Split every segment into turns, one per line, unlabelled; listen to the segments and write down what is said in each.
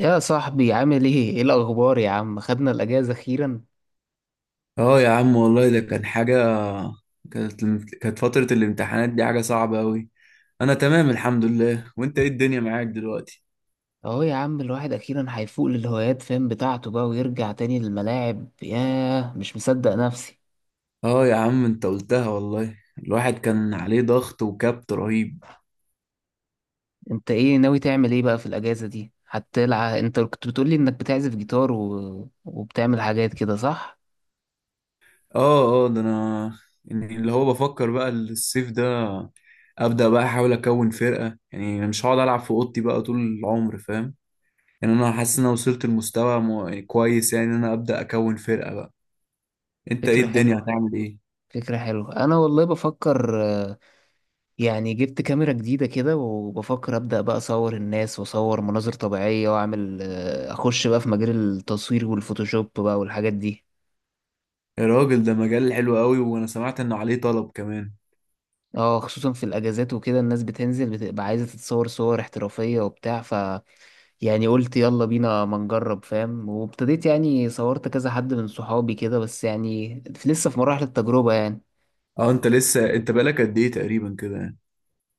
يا صاحبي، عامل ايه؟ ايه الأخبار يا عم؟ خدنا الأجازة أخيرا؟
اه يا عم والله ده كان حاجة. كانت كانت فترة الامتحانات دي حاجة صعبة أوي. أنا تمام الحمد لله. وأنت إيه الدنيا معاك دلوقتي؟
أهو يا عم الواحد أخيرا هيفوق للهوايات، فاهم بتاعته بقى، ويرجع تاني للملاعب. ياه، مش مصدق نفسي.
اه يا عم، أنت قلتها والله، الواحد كان عليه ضغط وكبت رهيب.
أنت ايه ناوي تعمل ايه بقى في الأجازة دي؟ هتلعب؟ أنت كنت بتقولي إنك بتعزف جيتار و... وبتعمل حاجات كده، صح؟
اه اه، ده أنا يعني اللي هو بفكر بقى الصيف ده أبدأ بقى أحاول أكون فرقة. يعني أنا مش هقعد ألعب في أوضتي بقى طول العمر، فاهم؟ يعني أنا حاسس إن أنا وصلت لمستوى كويس، يعني إن أنا أبدأ أكون فرقة بقى. أنت إيه
فكرة
الدنيا
حلوة.
هتعمل إيه؟
فكرة حلوة، أنا والله بفكر. يعني جبت كاميرا جديدة كده، وبفكر أبدأ بقى أصور الناس وأصور مناظر طبيعية، وأعمل أخش بقى في مجال التصوير والفوتوشوب بقى والحاجات دي.
يا راجل، ده مجال حلو قوي، وانا سمعت انه عليه طلب كمان.
اه، خصوصا في الأجازات وكده الناس بتنزل، بتبقى عايزة تتصور صور احترافية وبتاع. ف يعني قلت يلا بينا ما نجرب، فاهم، وابتديت يعني صورت كذا حد من صحابي كده، بس يعني لسه في مراحل التجربة يعني.
اه، انت لسه، انت بقالك قد ايه تقريبا كده يعني؟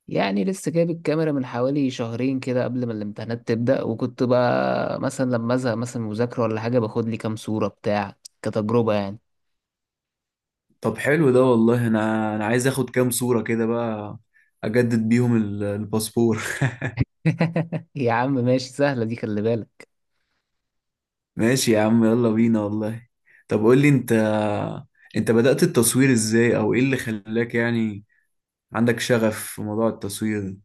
يعني لسه جايب الكاميرا من حوالي شهرين كده، قبل ما الامتحانات تبدأ، وكنت بقى مثلا لما ازهق مثلا من مذاكرة ولا حاجة باخد لي كام صورة، بتاع، كتجربة يعني.
طب حلو ده والله. انا عايز اخد كام صورة كده بقى، اجدد بيهم الباسبور.
يا عم ماشي، سهلة دي، خلي بالك.
ماشي يا عم، يلا بينا والله. طب قول لي انت، انت بدأت التصوير ازاي، او ايه اللي خلاك يعني عندك شغف في موضوع التصوير ده؟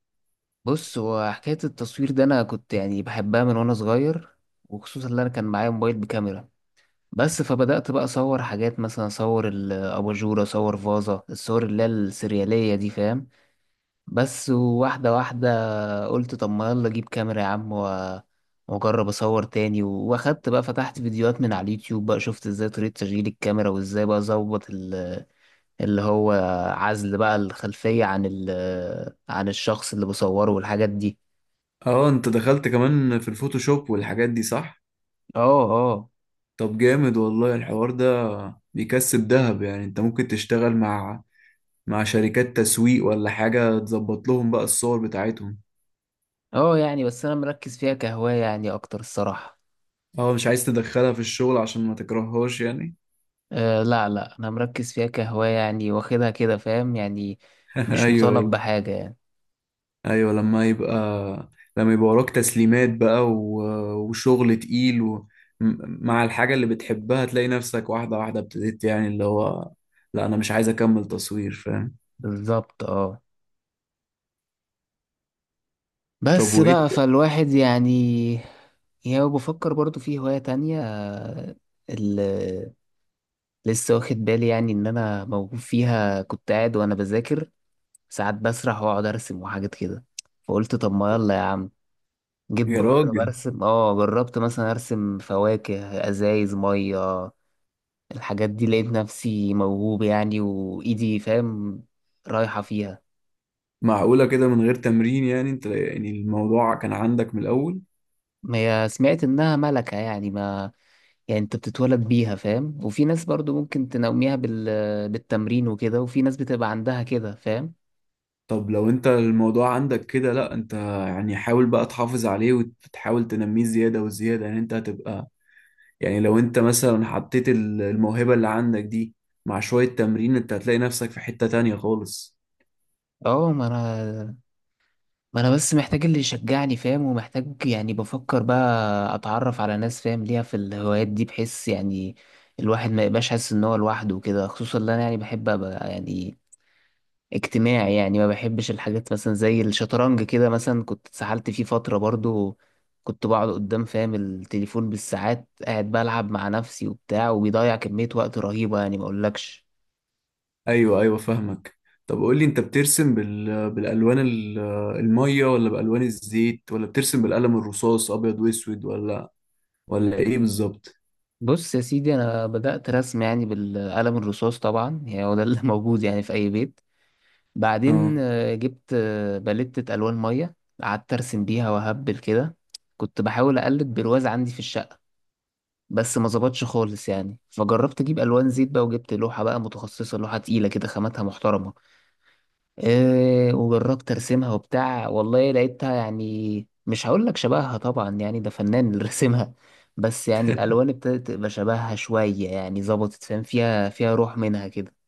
بص، هو حكاية التصوير ده أنا كنت يعني بحبها من وأنا صغير، وخصوصا إن أنا كان معايا موبايل بكاميرا. بس فبدأت بقى أصور حاجات، مثلا أصور الأباجورة، أصور فازة الصور اللي هي السريالية دي، فاهم؟ بس واحدة واحدة. فقلت طب ما يلا اجيب كاميرا يا عم، و- واجرب اصور تاني، و- واخدت بقى، فتحت فيديوهات من على اليوتيوب بقى، شفت ازاي طريقة تشغيل الكاميرا، وازاي بقى اظبط اللي هو عزل بقى الخلفية عن عن الشخص اللي بصوره والحاجات دي.
اه انت دخلت كمان في الفوتوشوب والحاجات دي، صح؟
اه اه.
طب جامد والله الحوار ده، بيكسب دهب، يعني انت ممكن تشتغل مع شركات تسويق ولا حاجة تظبط لهم بقى الصور بتاعتهم.
اه يعني بس انا مركز فيها كهواية يعني اكتر، الصراحة.
اه مش عايز تدخلها في الشغل عشان ما تكرههاش يعني.
أه لا لا، انا مركز فيها كهواية يعني، واخدها كده، فاهم يعني، مش
ايوه
مطالب
ايوه.
بحاجة يعني.
ايوه لما يبقى وراك تسليمات بقى، و... وشغل تقيل، و... مع الحاجة اللي بتحبها تلاقي نفسك واحدة واحدة ابتديت، يعني اللي هو لا انا مش عايز اكمل تصوير، فاهم؟
بالظبط، اه.
طب
بس
وايه؟
بقى فالواحد يعني، يعني بفكر برضو في هواية تانية، اللي لسه واخد بالي يعني إن أنا موهوب فيها. كنت قاعد وأنا بذاكر ساعات بسرح وأقعد أرسم وحاجات كده، فقلت طب ما يلا يا عم، جيت
يا
بجرب
راجل،
أرسم. أه، جربت مثلا أرسم فواكه، أزايز مية، الحاجات دي، لقيت نفسي موهوب يعني، وإيدي فاهم رايحة فيها.
معقولة كده من غير تمرين؟ يعني انت يعني الموضوع كان عندك من الاول؟
ما هي سمعت إنها ملكة يعني، ما يعني انت بتتولد بيها، فاهم، وفي ناس برضو ممكن تنميها بالتمرين وكده، وفي ناس بتبقى عندها كده، فاهم.
طب لو انت الموضوع عندك كده، لا، انت يعني حاول بقى تحافظ عليه وتحاول تنميه زيادة وزيادة، يعني انت هتبقى. يعني لو انت مثلا حطيت الموهبة اللي عندك دي مع شوية تمرين، انت هتلاقي نفسك في حتة تانية خالص.
اه ما انا بس محتاج اللي يشجعني، فاهم، ومحتاج يعني بفكر بقى اتعرف على ناس فاهم ليها في الهوايات دي. بحس يعني الواحد ما يبقاش حاسس ان هو لوحده وكده، خصوصا ان انا يعني بحب ابقى يعني اجتماعي يعني. ما بحبش الحاجات مثلا زي الشطرنج كده. مثلا كنت اتسحلت فيه فترة برضو، كنت بقعد قدام، فاهم، التليفون بالساعات، قاعد بلعب مع نفسي وبتاع، وبيضيع كمية وقت رهيبة يعني ما اقولكش.
ايوه ايوه فاهمك. طب قولي انت، بترسم بالالوان المية، ولا بالوان الزيت، ولا بترسم بالقلم الرصاص ابيض واسود، ولا ايه بالظبط؟
بص يا سيدي، انا بدأت رسم يعني بالقلم الرصاص طبعا، يعني هو ده اللي موجود يعني في اي بيت.
اه.
بعدين جبت باليتة الوان مية، قعدت ارسم بيها واهبل كده. كنت بحاول اقلد برواز عندي في الشقة، بس ما ظبطش خالص يعني. فجربت اجيب الوان زيت بقى، وجبت لوحه بقى متخصصه، لوحه تقيله كده خاماتها محترمه، إيه، وجربت ارسمها وبتاع، والله لقيتها يعني مش هقول لك شبهها طبعا يعني ده فنان اللي رسمها، بس يعني الالوان ابتدت تبقى شبهها شويه يعني، ظبطت، فاهم، فيها فيها روح منها كده.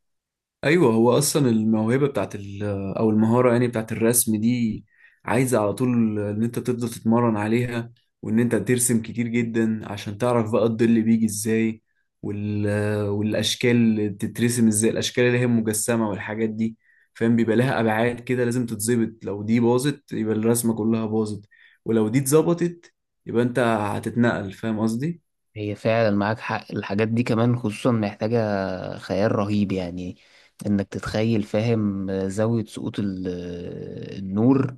ايوه هو اصلا الموهبه بتاعت او المهاره يعني بتاعت الرسم دي عايزه على طول ان انت تفضل تتمرن عليها، وان انت ترسم كتير جدا عشان تعرف بقى الظل بيجي ازاي وال والاشكال تترسم ازاي، الاشكال اللي هي مجسمه والحاجات دي، فاهم؟ بيبقى لها ابعاد كده لازم تتظبط، لو دي باظت يبقى الرسمه كلها باظت، ولو دي اتظبطت يبقى انت هتتنقل، فاهم قصدي؟
هي فعلا معاك حق، الحاجات دي كمان خصوصا محتاجه خيال رهيب يعني. انك تتخيل، فاهم، زاويه سقوط النور،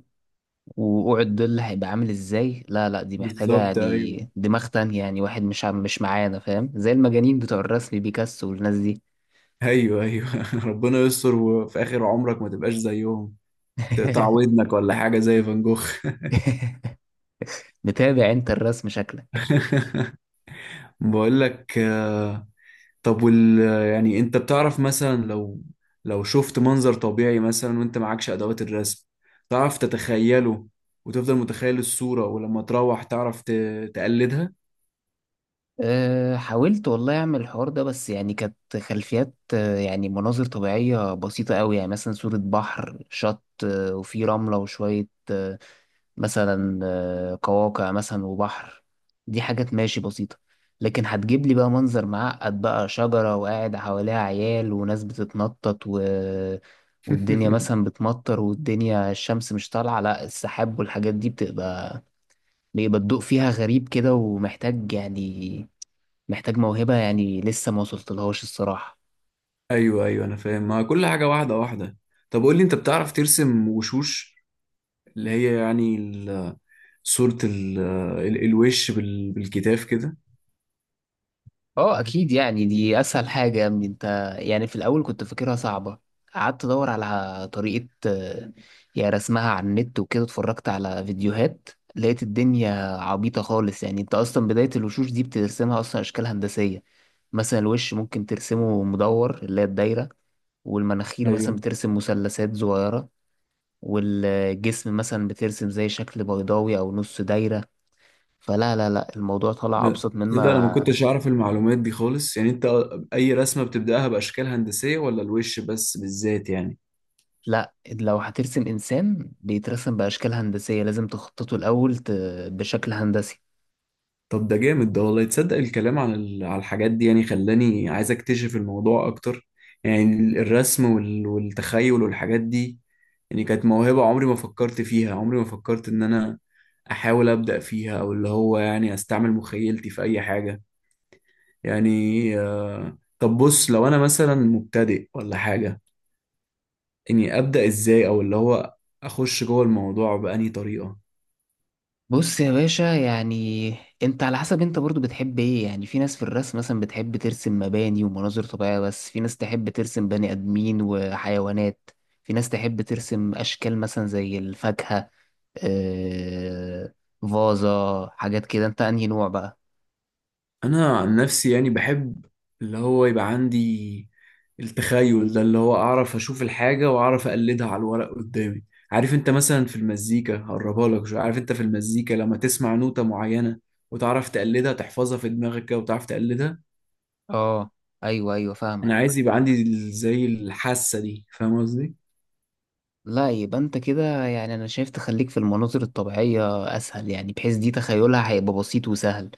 ووقوع الظل هيبقى عامل ازاي، لا لا دي محتاجة
بالظبط ايوه
يعني دماغ تانية يعني، واحد مش مش معانا، فاهم، زي المجانين بتوع الرسم بيكاسو والناس دي.
ايوه ايوه. ربنا يستر وفي اخر عمرك ما تبقاش زيهم، تقطع ودنك ولا حاجة زي فان جوخ.
متابع انت الرسم، شكلك.
بقول لك، طب يعني انت بتعرف مثلا لو شفت منظر طبيعي مثلا وانت معكش ادوات الرسم، تعرف تتخيله وتفضل متخيل الصورة ولما تروح تعرف تقلدها؟
أه حاولت والله أعمل الحوار ده، بس يعني كانت خلفيات يعني مناظر طبيعية بسيطة أوي يعني، مثلا صورة بحر، شط وفي رملة وشوية مثلا قواقع مثلا وبحر، دي حاجات ماشي بسيطة. لكن هتجيب لي بقى منظر معقد بقى، شجرة وقاعد حواليها عيال وناس بتتنطط و... والدنيا مثلا بتمطر، والدنيا الشمس مش طالعة، لا السحاب والحاجات دي بتبقى، بيبقى الضوء فيها غريب كده، ومحتاج يعني محتاج موهبة يعني لسه ما وصلتلهاش الصراحة.
ايوه ايوه، انا فاهم، ما كل حاجة واحدة واحدة. طب قول لي، انت بتعرف ترسم وشوش؟ اللي هي يعني صورة الوش بالكتاف كده؟
اه اكيد، يعني دي اسهل حاجة يا ابني انت. يعني في الاول كنت فاكرها صعبة، قعدت ادور على طريقة، يعني رسمها على النت وكده، اتفرجت على فيديوهات، لقيت الدنيا عبيطة خالص يعني. انت اصلا بداية الوشوش دي بترسمها اصلا اشكال هندسية. مثلا الوش ممكن ترسمه مدور، اللي هي الدايرة، والمناخير مثلا
ايوه.
بترسم مثلثات صغيرة، والجسم مثلا بترسم زي شكل بيضاوي او نص دايرة. فلا لا لا، الموضوع طلع
ده
أبسط
ده انا ما
مما.
كنتش اعرف المعلومات دي خالص يعني، انت اي رسمه بتبداها باشكال هندسيه، ولا الوش بس بالذات يعني؟
لا، لو هترسم إنسان بيترسم بأشكال هندسية، لازم تخططه الأول بشكل هندسي.
طب ده جامد ده والله، تصدق الكلام عن على الحاجات دي يعني خلاني عايز اكتشف الموضوع اكتر، يعني الرسم والتخيل والحاجات دي، يعني كانت موهبه عمري ما فكرت فيها، عمري ما فكرت ان انا احاول ابدا فيها، او اللي هو يعني استعمل مخيلتي في اي حاجه يعني. طب بص، لو انا مثلا مبتدئ ولا حاجه، اني ابدا ازاي، او اللي هو اخش جوه الموضوع بأنهي طريقه؟
بص يا باشا يعني انت على حسب انت برضو بتحب ايه يعني. في ناس في الرسم مثلا بتحب ترسم مباني ومناظر طبيعية، بس في ناس تحب ترسم بني آدمين وحيوانات، في ناس تحب ترسم أشكال مثلا زي الفاكهة، آه... فازة، حاجات كده. انت انهي نوع بقى؟
انا عن نفسي يعني بحب اللي هو يبقى عندي التخيل ده، اللي هو اعرف اشوف الحاجه واعرف اقلدها على الورق قدامي. عارف انت مثلا في المزيكا، هقربها لك، شو، عارف انت في المزيكا لما تسمع نوتة معينه وتعرف تقلدها، تحفظها في دماغك كده وتعرف تقلدها.
اه، ايوه ايوه
انا
فاهمك.
عايز يبقى عندي زي الحاسه دي، فاهم قصدي؟
لا يبقى انت كده يعني، انا شايف تخليك في المناظر الطبيعية اسهل يعني، بحيث دي تخيلها هيبقى بسيط وسهل.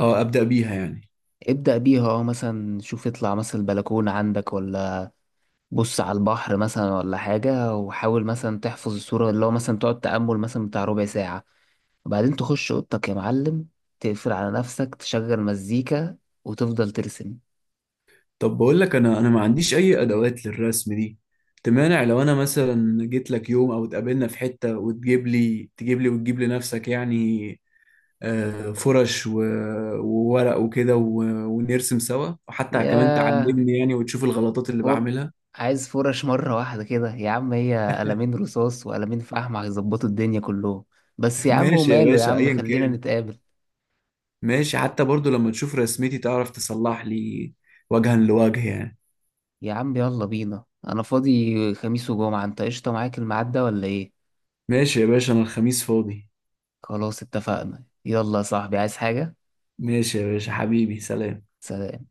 او ابدا بيها يعني؟
ابدأ بيها، اه. مثلا شوف، اطلع مثلا البلكونة عندك، ولا بص على البحر مثلا ولا حاجة، وحاول مثلا تحفظ الصورة، اللي هو مثلا تقعد تأمل مثلا بتاع ربع ساعة، وبعدين تخش اوضتك يا معلم، تقفل على نفسك، تشغل مزيكا، وتفضل ترسم.
طب بقول لك، انا ما عنديش اي ادوات للرسم دي. تمانع لو انا مثلا جيت لك يوم او اتقابلنا في حتة وتجيب لي تجيب لي وتجيب لنفسك يعني، فرش وورق وكده، ونرسم سوا، وحتى كمان
ياه،
تعلمني يعني وتشوف الغلطات اللي
فور،
بعملها.
عايز فرش مرة واحدة كده يا عم. هي قلمين رصاص وقلمين فحم هيظبطوا الدنيا كلهم. بس يا عم
ماشي يا
وماله يا
باشا،
عم،
ايا
خلينا
كان.
نتقابل.
ماشي، حتى برضو لما تشوف رسمتي تعرف تصلح لي، وجها لوجه يعني.
يا عم يلا بينا، أنا فاضي خميس وجمعة، أنت قشطة معاك الميعاد ده ولا إيه؟
ماشي يا باشا، انا الخميس فاضي.
خلاص اتفقنا. يلا يا صاحبي، عايز حاجة؟
ماشي يا باشا، حبيبي، سلام.
سلام.